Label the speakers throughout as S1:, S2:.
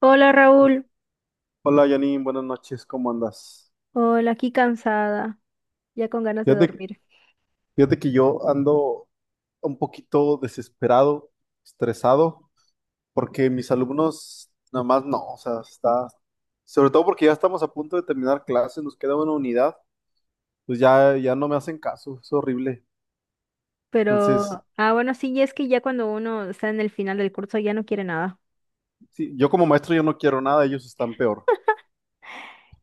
S1: Hola Raúl,
S2: Hola Janine, buenas noches, ¿cómo andas?
S1: hola, aquí cansada, ya con ganas de
S2: Fíjate,
S1: dormir.
S2: fíjate que yo ando un poquito desesperado, estresado, porque mis alumnos nada más no, o sea, está, sobre todo porque ya estamos a punto de terminar clases, nos queda una unidad, pues ya, ya no me hacen caso, es horrible. Entonces,
S1: Pero, ah, bueno, sí, y es que ya cuando uno está en el final del curso ya no quiere nada.
S2: sí, yo como maestro yo no quiero nada, ellos están peor.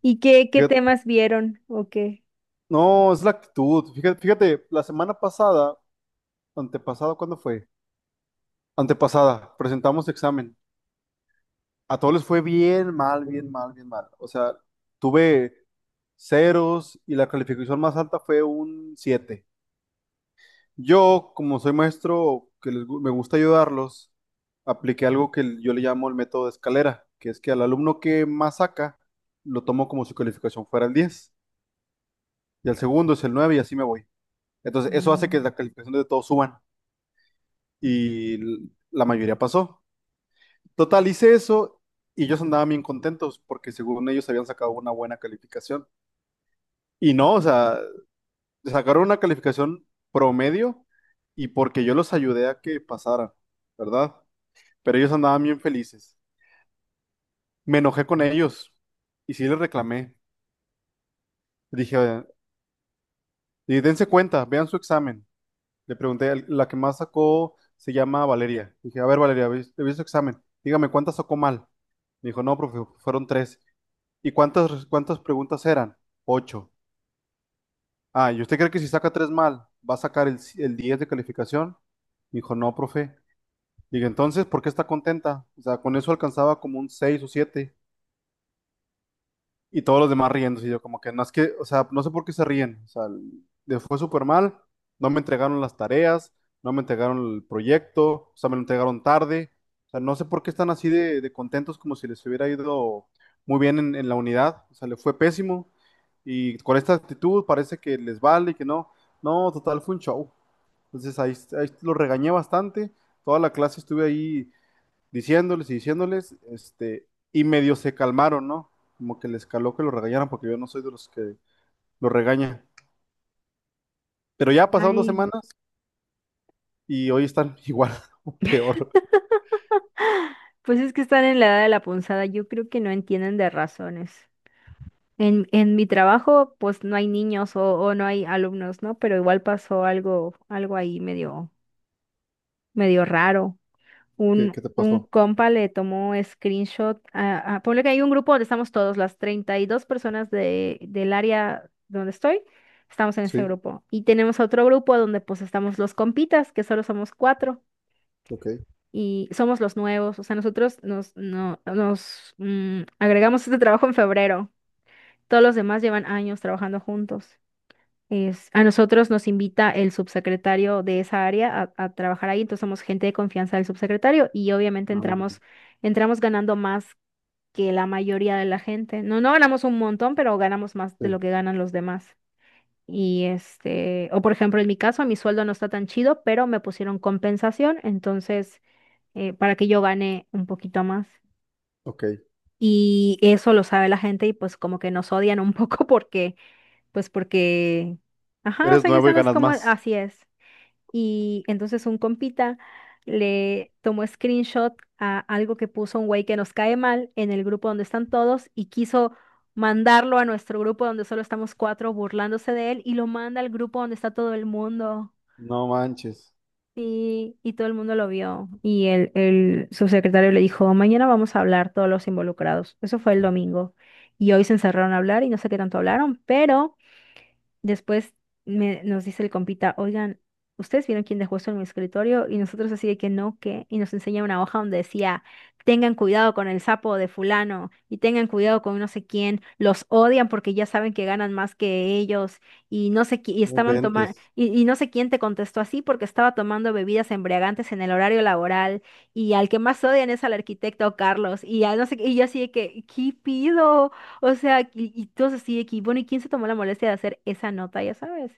S1: ¿Y qué
S2: Fíjate-
S1: temas vieron o qué?
S2: no, es la actitud. Fíjate, fíjate, la semana pasada, antepasada, ¿cuándo fue? Antepasada, presentamos examen. A todos les fue bien mal, bien mal, bien mal. O sea, tuve ceros y la calificación más alta fue un 7. Yo, como soy maestro me gusta ayudarlos, apliqué algo que yo le llamo el método de escalera, que es que al alumno que más saca, lo tomo como si su calificación fuera el 10 y al segundo es el 9 y así me voy. Entonces, eso hace que
S1: Mm.
S2: la calificación de todos suban y la mayoría pasó. Total, hice eso y ellos andaban bien contentos porque según ellos habían sacado una buena calificación. Y no, o sea, sacaron una calificación promedio y porque yo los ayudé a que pasaran, ¿verdad? Pero ellos andaban bien felices. Me enojé con ellos y sí les reclamé. Dije, "Oigan, y dense cuenta, vean su examen". Le pregunté, la que más sacó se llama Valeria. Dije, a ver, Valeria, vi su examen. Dígame, ¿cuántas sacó mal? Me dijo, no, profe, fueron tres. ¿Y cuántas preguntas eran? Ocho. Ah, ¿y usted cree que si saca tres mal, va a sacar el 10 de calificación? Dijo, no, profe. Digo, entonces, ¿por qué está contenta? O sea, con eso alcanzaba como un 6 o siete. Y todos los demás riéndose. Y yo como que no es que, o sea, no sé por qué se ríen. O sea, les fue súper mal. No me entregaron las tareas, no me entregaron el proyecto, o sea, me lo entregaron tarde. O sea, no sé por qué están así de contentos como si les hubiera ido muy bien en la unidad. O sea, les fue pésimo. Y con esta actitud parece que les vale y que no. No, total, fue un show. Entonces ahí lo regañé bastante. Toda la clase estuve ahí diciéndoles y diciéndoles, este, y medio se calmaron, ¿no? Como que les caló que lo regañaran, porque yo no soy de los que lo regaña. Pero ya pasaron dos
S1: Ay,
S2: semanas y hoy están igual o peor.
S1: pues es que están en la edad de la punzada, yo creo que no entienden de razones. En mi trabajo, pues no hay niños o no hay alumnos, ¿no? Pero igual pasó algo ahí medio raro.
S2: ¿Qué,
S1: Un,
S2: qué te
S1: un
S2: pasó?
S1: compa le tomó screenshot ponle que hay un grupo donde estamos todos, las 32 personas del área donde estoy, estamos en ese
S2: Sí,
S1: grupo. Y tenemos otro grupo donde pues estamos los compitas, que solo somos cuatro.
S2: ok.
S1: Y somos los nuevos, o sea, nosotros nos, no, nos mm, agregamos este trabajo en febrero. Todos los demás llevan años trabajando juntos. Es, a nosotros nos invita el subsecretario de esa área a trabajar ahí, entonces somos gente de confianza del subsecretario y obviamente
S2: Ah, muy
S1: entramos,
S2: bien.
S1: entramos ganando más que la mayoría de la gente. No, no ganamos un montón, pero ganamos más de
S2: Sí,
S1: lo que ganan los demás. Y este, o por ejemplo, en mi caso, mi sueldo no está tan chido, pero me pusieron compensación, entonces, para que yo gane un poquito más.
S2: ok.
S1: Y eso lo sabe la gente y pues como que nos odian un poco porque, pues porque, ajá, o
S2: Eres
S1: sea, ya
S2: nuevo y
S1: sabes
S2: ganas
S1: cómo,
S2: más.
S1: así es. Y entonces un compita le tomó screenshot a algo que puso un güey que nos cae mal en el grupo donde están todos y quiso mandarlo a nuestro grupo donde solo estamos cuatro burlándose de él y lo manda al grupo donde está todo el mundo.
S2: No manches,
S1: Y todo el mundo lo vio. Y el subsecretario le dijo, mañana vamos a hablar todos los involucrados. Eso fue el domingo. Y hoy se encerraron a hablar y no sé qué tanto hablaron, pero... Después nos dice el compita, oigan, ¿ustedes vieron quién dejó esto en mi escritorio? Y nosotros así de que no, ¿qué? Y nos enseña una hoja donde decía, tengan cuidado con el sapo de fulano y tengan cuidado con no sé quién, los odian porque ya saben que ganan más que ellos y no sé, qui- y
S2: no
S1: estaban tomando,
S2: inventes.
S1: y no sé quién te contestó así porque estaba tomando bebidas embriagantes en el horario laboral y al que más odian es al arquitecto Carlos y al no sé, qué", y yo así de que, ¿qué pido? O sea, y todos así de que, bueno, ¿y quién se tomó la molestia de hacer esa nota, ya sabes?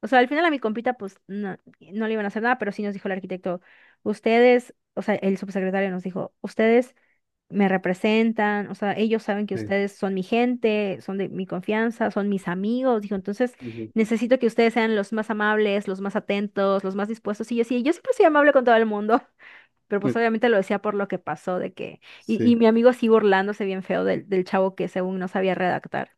S1: O sea, al final a mi compita, pues, no le iban a hacer nada, pero sí nos dijo el arquitecto, ustedes, o sea, el subsecretario nos dijo, ustedes me representan, o sea, ellos saben que
S2: Sí,
S1: ustedes son mi gente, son de mi confianza, son mis amigos, dijo, entonces
S2: ujú,
S1: necesito que ustedes sean los más amables, los más atentos, los más dispuestos. Y yo sí, yo siempre soy amable con todo el mundo. Pero pues
S2: sí,
S1: obviamente lo decía por lo que pasó, de que... Y
S2: sí.
S1: mi amigo sigue burlándose bien feo del chavo que según no sabía redactar.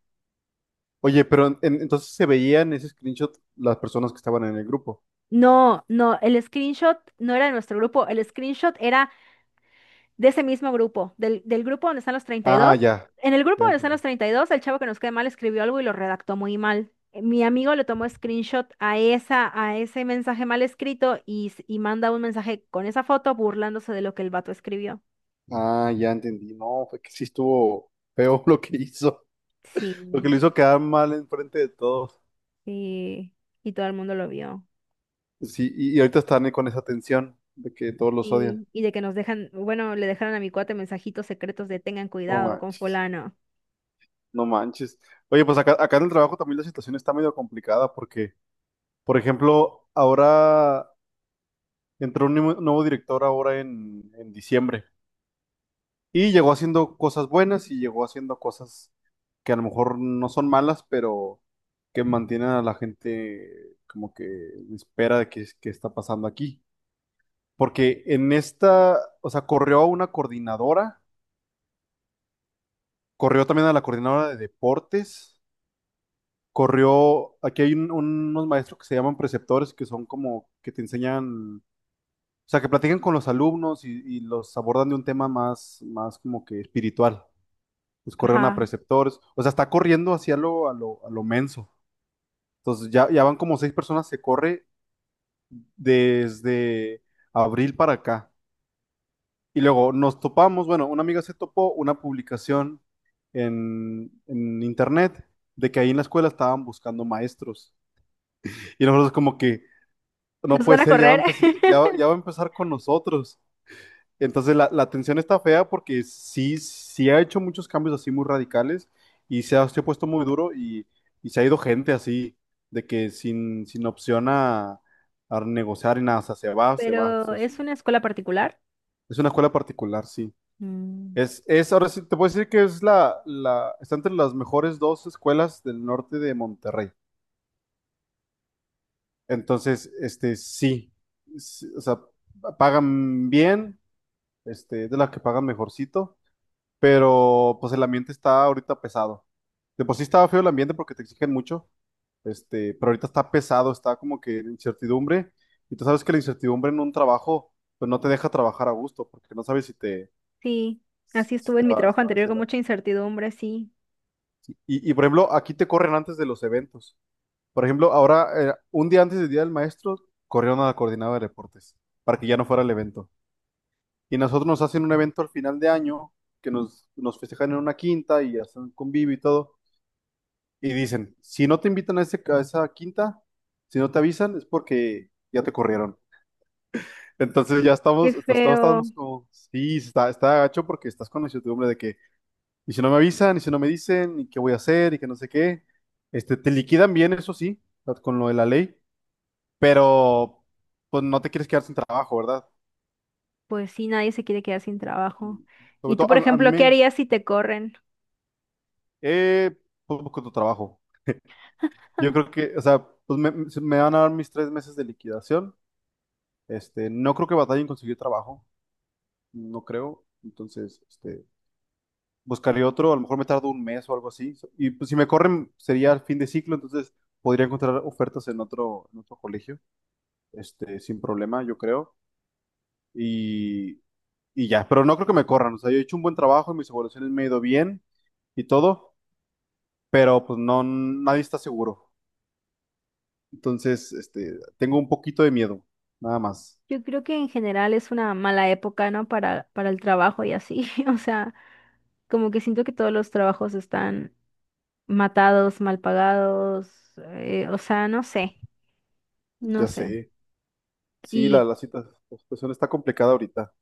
S2: Oye, pero entonces se veían en ese screenshot las personas que estaban en el grupo.
S1: No, no, el screenshot no era de nuestro grupo, el screenshot era de ese mismo grupo, del grupo donde están los treinta y
S2: Ah,
S1: dos
S2: ya.
S1: En el grupo
S2: Ya
S1: donde están
S2: entendí.
S1: los 32 el chavo que nos cae mal escribió algo y lo redactó muy mal. Mi amigo le tomó screenshot a esa, a ese mensaje mal escrito y manda un mensaje con esa foto burlándose de lo que el vato escribió.
S2: Ah, ya entendí. No, fue que sí estuvo feo lo que hizo. Lo que lo hizo
S1: Sí,
S2: quedar mal enfrente de todos.
S1: sí, y todo el mundo lo vio.
S2: Sí, y ahorita están con esa tensión de que todos los odian.
S1: Sí, y de que nos dejan, bueno, le dejaron a mi cuate mensajitos secretos de tengan
S2: No
S1: cuidado con
S2: manches,
S1: fulano.
S2: no manches. Oye, pues acá, acá en el trabajo también la situación está medio complicada porque, por ejemplo, ahora entró un nuevo director ahora en diciembre. Y llegó haciendo cosas buenas y llegó haciendo cosas que a lo mejor no son malas, pero que mantienen a la gente como que en espera de qué, qué está pasando aquí. Porque en esta, o sea, corrió a una coordinadora, corrió también a la coordinadora de deportes, corrió, aquí hay unos maestros que se llaman preceptores, que son como que te enseñan, o sea, que platican con los alumnos y los abordan de un tema más, más como que espiritual. Pues corrieron a
S1: Ajá,
S2: preceptores, o sea, está corriendo hacia lo, a lo menso. Entonces ya, ya van como seis personas, se corre desde abril para acá. Y luego nos topamos, bueno, una amiga se topó una publicación en internet de que ahí en la escuela estaban buscando maestros. Y nosotros como que, no
S1: nos
S2: puede
S1: van a
S2: ser, ya va a,
S1: correr,
S2: ya, ya va a empezar con nosotros. Entonces la tensión está fea porque sí, sí ha hecho muchos cambios así muy radicales y se ha puesto muy duro y se ha ido gente así, de que sin, sin opción a negociar y nada, o sea, se va, se va. O
S1: pero
S2: sea,
S1: es
S2: sí.
S1: una escuela particular.
S2: Es una escuela particular, sí.
S1: Mm.
S2: Ahora sí, te puedo decir que es la, la, está entre las mejores dos escuelas del norte de Monterrey. Entonces, este, sí, sí, o sea, pagan bien, este, es de las que pagan mejorcito. Pero pues el ambiente está ahorita pesado. De por sí estaba feo el ambiente porque te exigen mucho, este, pero ahorita está pesado, está como que en incertidumbre. Y tú sabes que la incertidumbre en un trabajo, pues no te deja trabajar a gusto, porque no sabes si te,
S1: Sí, así estuve en mi trabajo
S2: si va a
S1: anterior
S2: hacer
S1: con
S2: algo.
S1: mucha incertidumbre, sí.
S2: Y por ejemplo, aquí te corren antes de los eventos. Por ejemplo, ahora, un día antes del Día del Maestro, corrieron a la coordinadora de deportes para que ya no fuera el evento. Y nosotros nos hacen un evento al final de año, que nos, nos festejan en una quinta y hacen un convivio y todo. Y dicen, si no te invitan a, ese, a esa quinta, si no te avisan, es porque ya te corrieron. Entonces ya
S1: Qué
S2: estamos, estamos
S1: feo.
S2: estamos como, sí, está, está gacho porque estás con la incertidumbre de que, y si no me avisan, y si no me dicen, y qué voy a hacer, y que no sé qué. Este, te liquidan bien, eso sí, con lo de la ley, pero pues no te quieres quedar sin trabajo, ¿verdad?
S1: Pues sí, nadie se quiere quedar sin trabajo. ¿Y
S2: Sobre
S1: tú,
S2: todo
S1: por
S2: a mí
S1: ejemplo, qué
S2: me,
S1: harías si te corren?
S2: eh, poco tu trabajo. Yo creo que, o sea, pues me van a dar mis 3 meses de liquidación. Este, no creo que batalle en conseguir trabajo, no creo. Entonces, este, buscaría otro, a lo mejor me tardo un mes o algo así. So, y pues, si me corren, sería el fin de ciclo, entonces podría encontrar ofertas en otro colegio, este, sin problema, yo creo. Y, y ya, pero no creo que me corran. O sea, yo he hecho un buen trabajo y mis evaluaciones me han ido bien y todo, pero pues no, nadie está seguro. Entonces, este, tengo un poquito de miedo, nada más.
S1: Yo creo que en general es una mala época, ¿no? Para el trabajo y así. O sea, como que siento que todos los trabajos están matados, mal pagados, o sea, no sé, no
S2: Ya
S1: sé.
S2: sé. Sí,
S1: Y,
S2: la situación está complicada ahorita.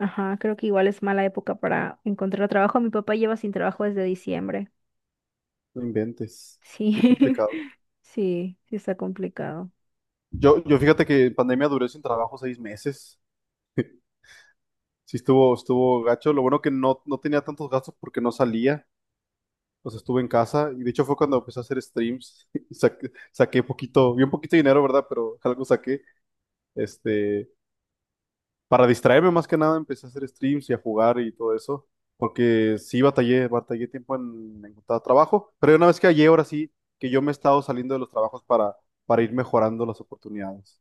S1: ajá, creo que igual es mala época para encontrar trabajo. Mi papá lleva sin trabajo desde diciembre.
S2: No inventes.
S1: Sí,
S2: Qué complicado.
S1: sí, sí está complicado.
S2: Yo fíjate que en pandemia duré sin trabajo 6 meses. Sí estuvo, estuvo gacho. Lo bueno que no, no tenía tantos gastos porque no salía. O sea, estuve en casa. Y de hecho fue cuando empecé a hacer streams. Y saqué, saqué poquito, bien poquito dinero, ¿verdad? Pero algo saqué. Este, para distraerme más que nada, empecé a hacer streams y a jugar y todo eso. Porque sí batallé, batallé tiempo en encontrar trabajo. Pero una vez que hallé, ahora sí, que yo me he estado saliendo de los trabajos para ir mejorando las oportunidades.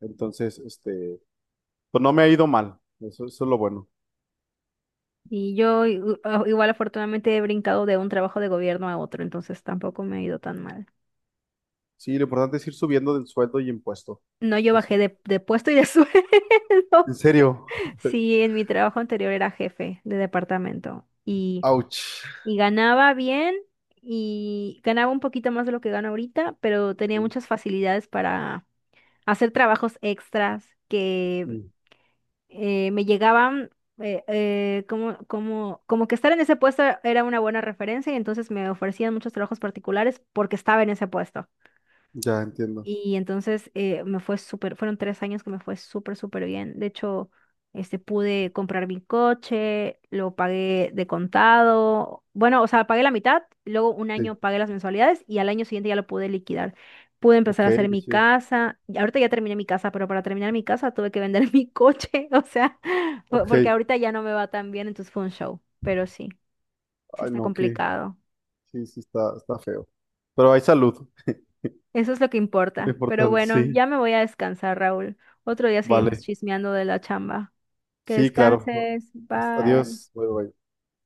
S2: Entonces, este, pues no me ha ido mal. Eso es lo bueno.
S1: Y yo igual afortunadamente he brincado de un trabajo de gobierno a otro, entonces tampoco me ha ido tan mal.
S2: Sí, lo importante es ir subiendo del sueldo y impuesto.
S1: No, yo
S2: Eso.
S1: bajé de puesto y de
S2: En
S1: sueldo.
S2: serio.
S1: Sí, en mi trabajo anterior era jefe de departamento
S2: Ouch.
S1: y ganaba bien y ganaba un poquito más de lo que gana ahorita, pero tenía
S2: Ok.
S1: muchas facilidades para hacer trabajos extras que
S2: Mm,
S1: me llegaban como que estar en ese puesto era una buena referencia y entonces me ofrecían muchos trabajos particulares porque estaba en ese puesto.
S2: ya entiendo.
S1: Y entonces me fue súper, fueron 3 años que me fue súper, súper bien. De hecho, este, pude comprar mi coche, lo pagué de contado. Bueno, o sea, pagué la mitad, luego un
S2: Sí.
S1: año pagué las mensualidades y al año siguiente ya lo pude liquidar. Pude
S2: Ok,
S1: empezar a hacer
S2: qué
S1: mi
S2: chido.
S1: casa. Y ahorita ya terminé mi casa, pero para terminar mi casa tuve que vender mi coche. O sea,
S2: Ok.
S1: porque
S2: Ay,
S1: ahorita ya no me va tan bien, entonces fue un show. Pero sí, sí está
S2: no, que
S1: complicado.
S2: sí, sí está, está feo. Pero hay salud.
S1: Eso es lo que
S2: Lo
S1: importa. Pero
S2: importante,
S1: bueno,
S2: sí.
S1: ya me voy a descansar, Raúl. Otro día seguimos
S2: Vale.
S1: chismeando de la chamba. Que
S2: Sí, claro.
S1: descanses. Bye.
S2: Adiós. Bye, bye.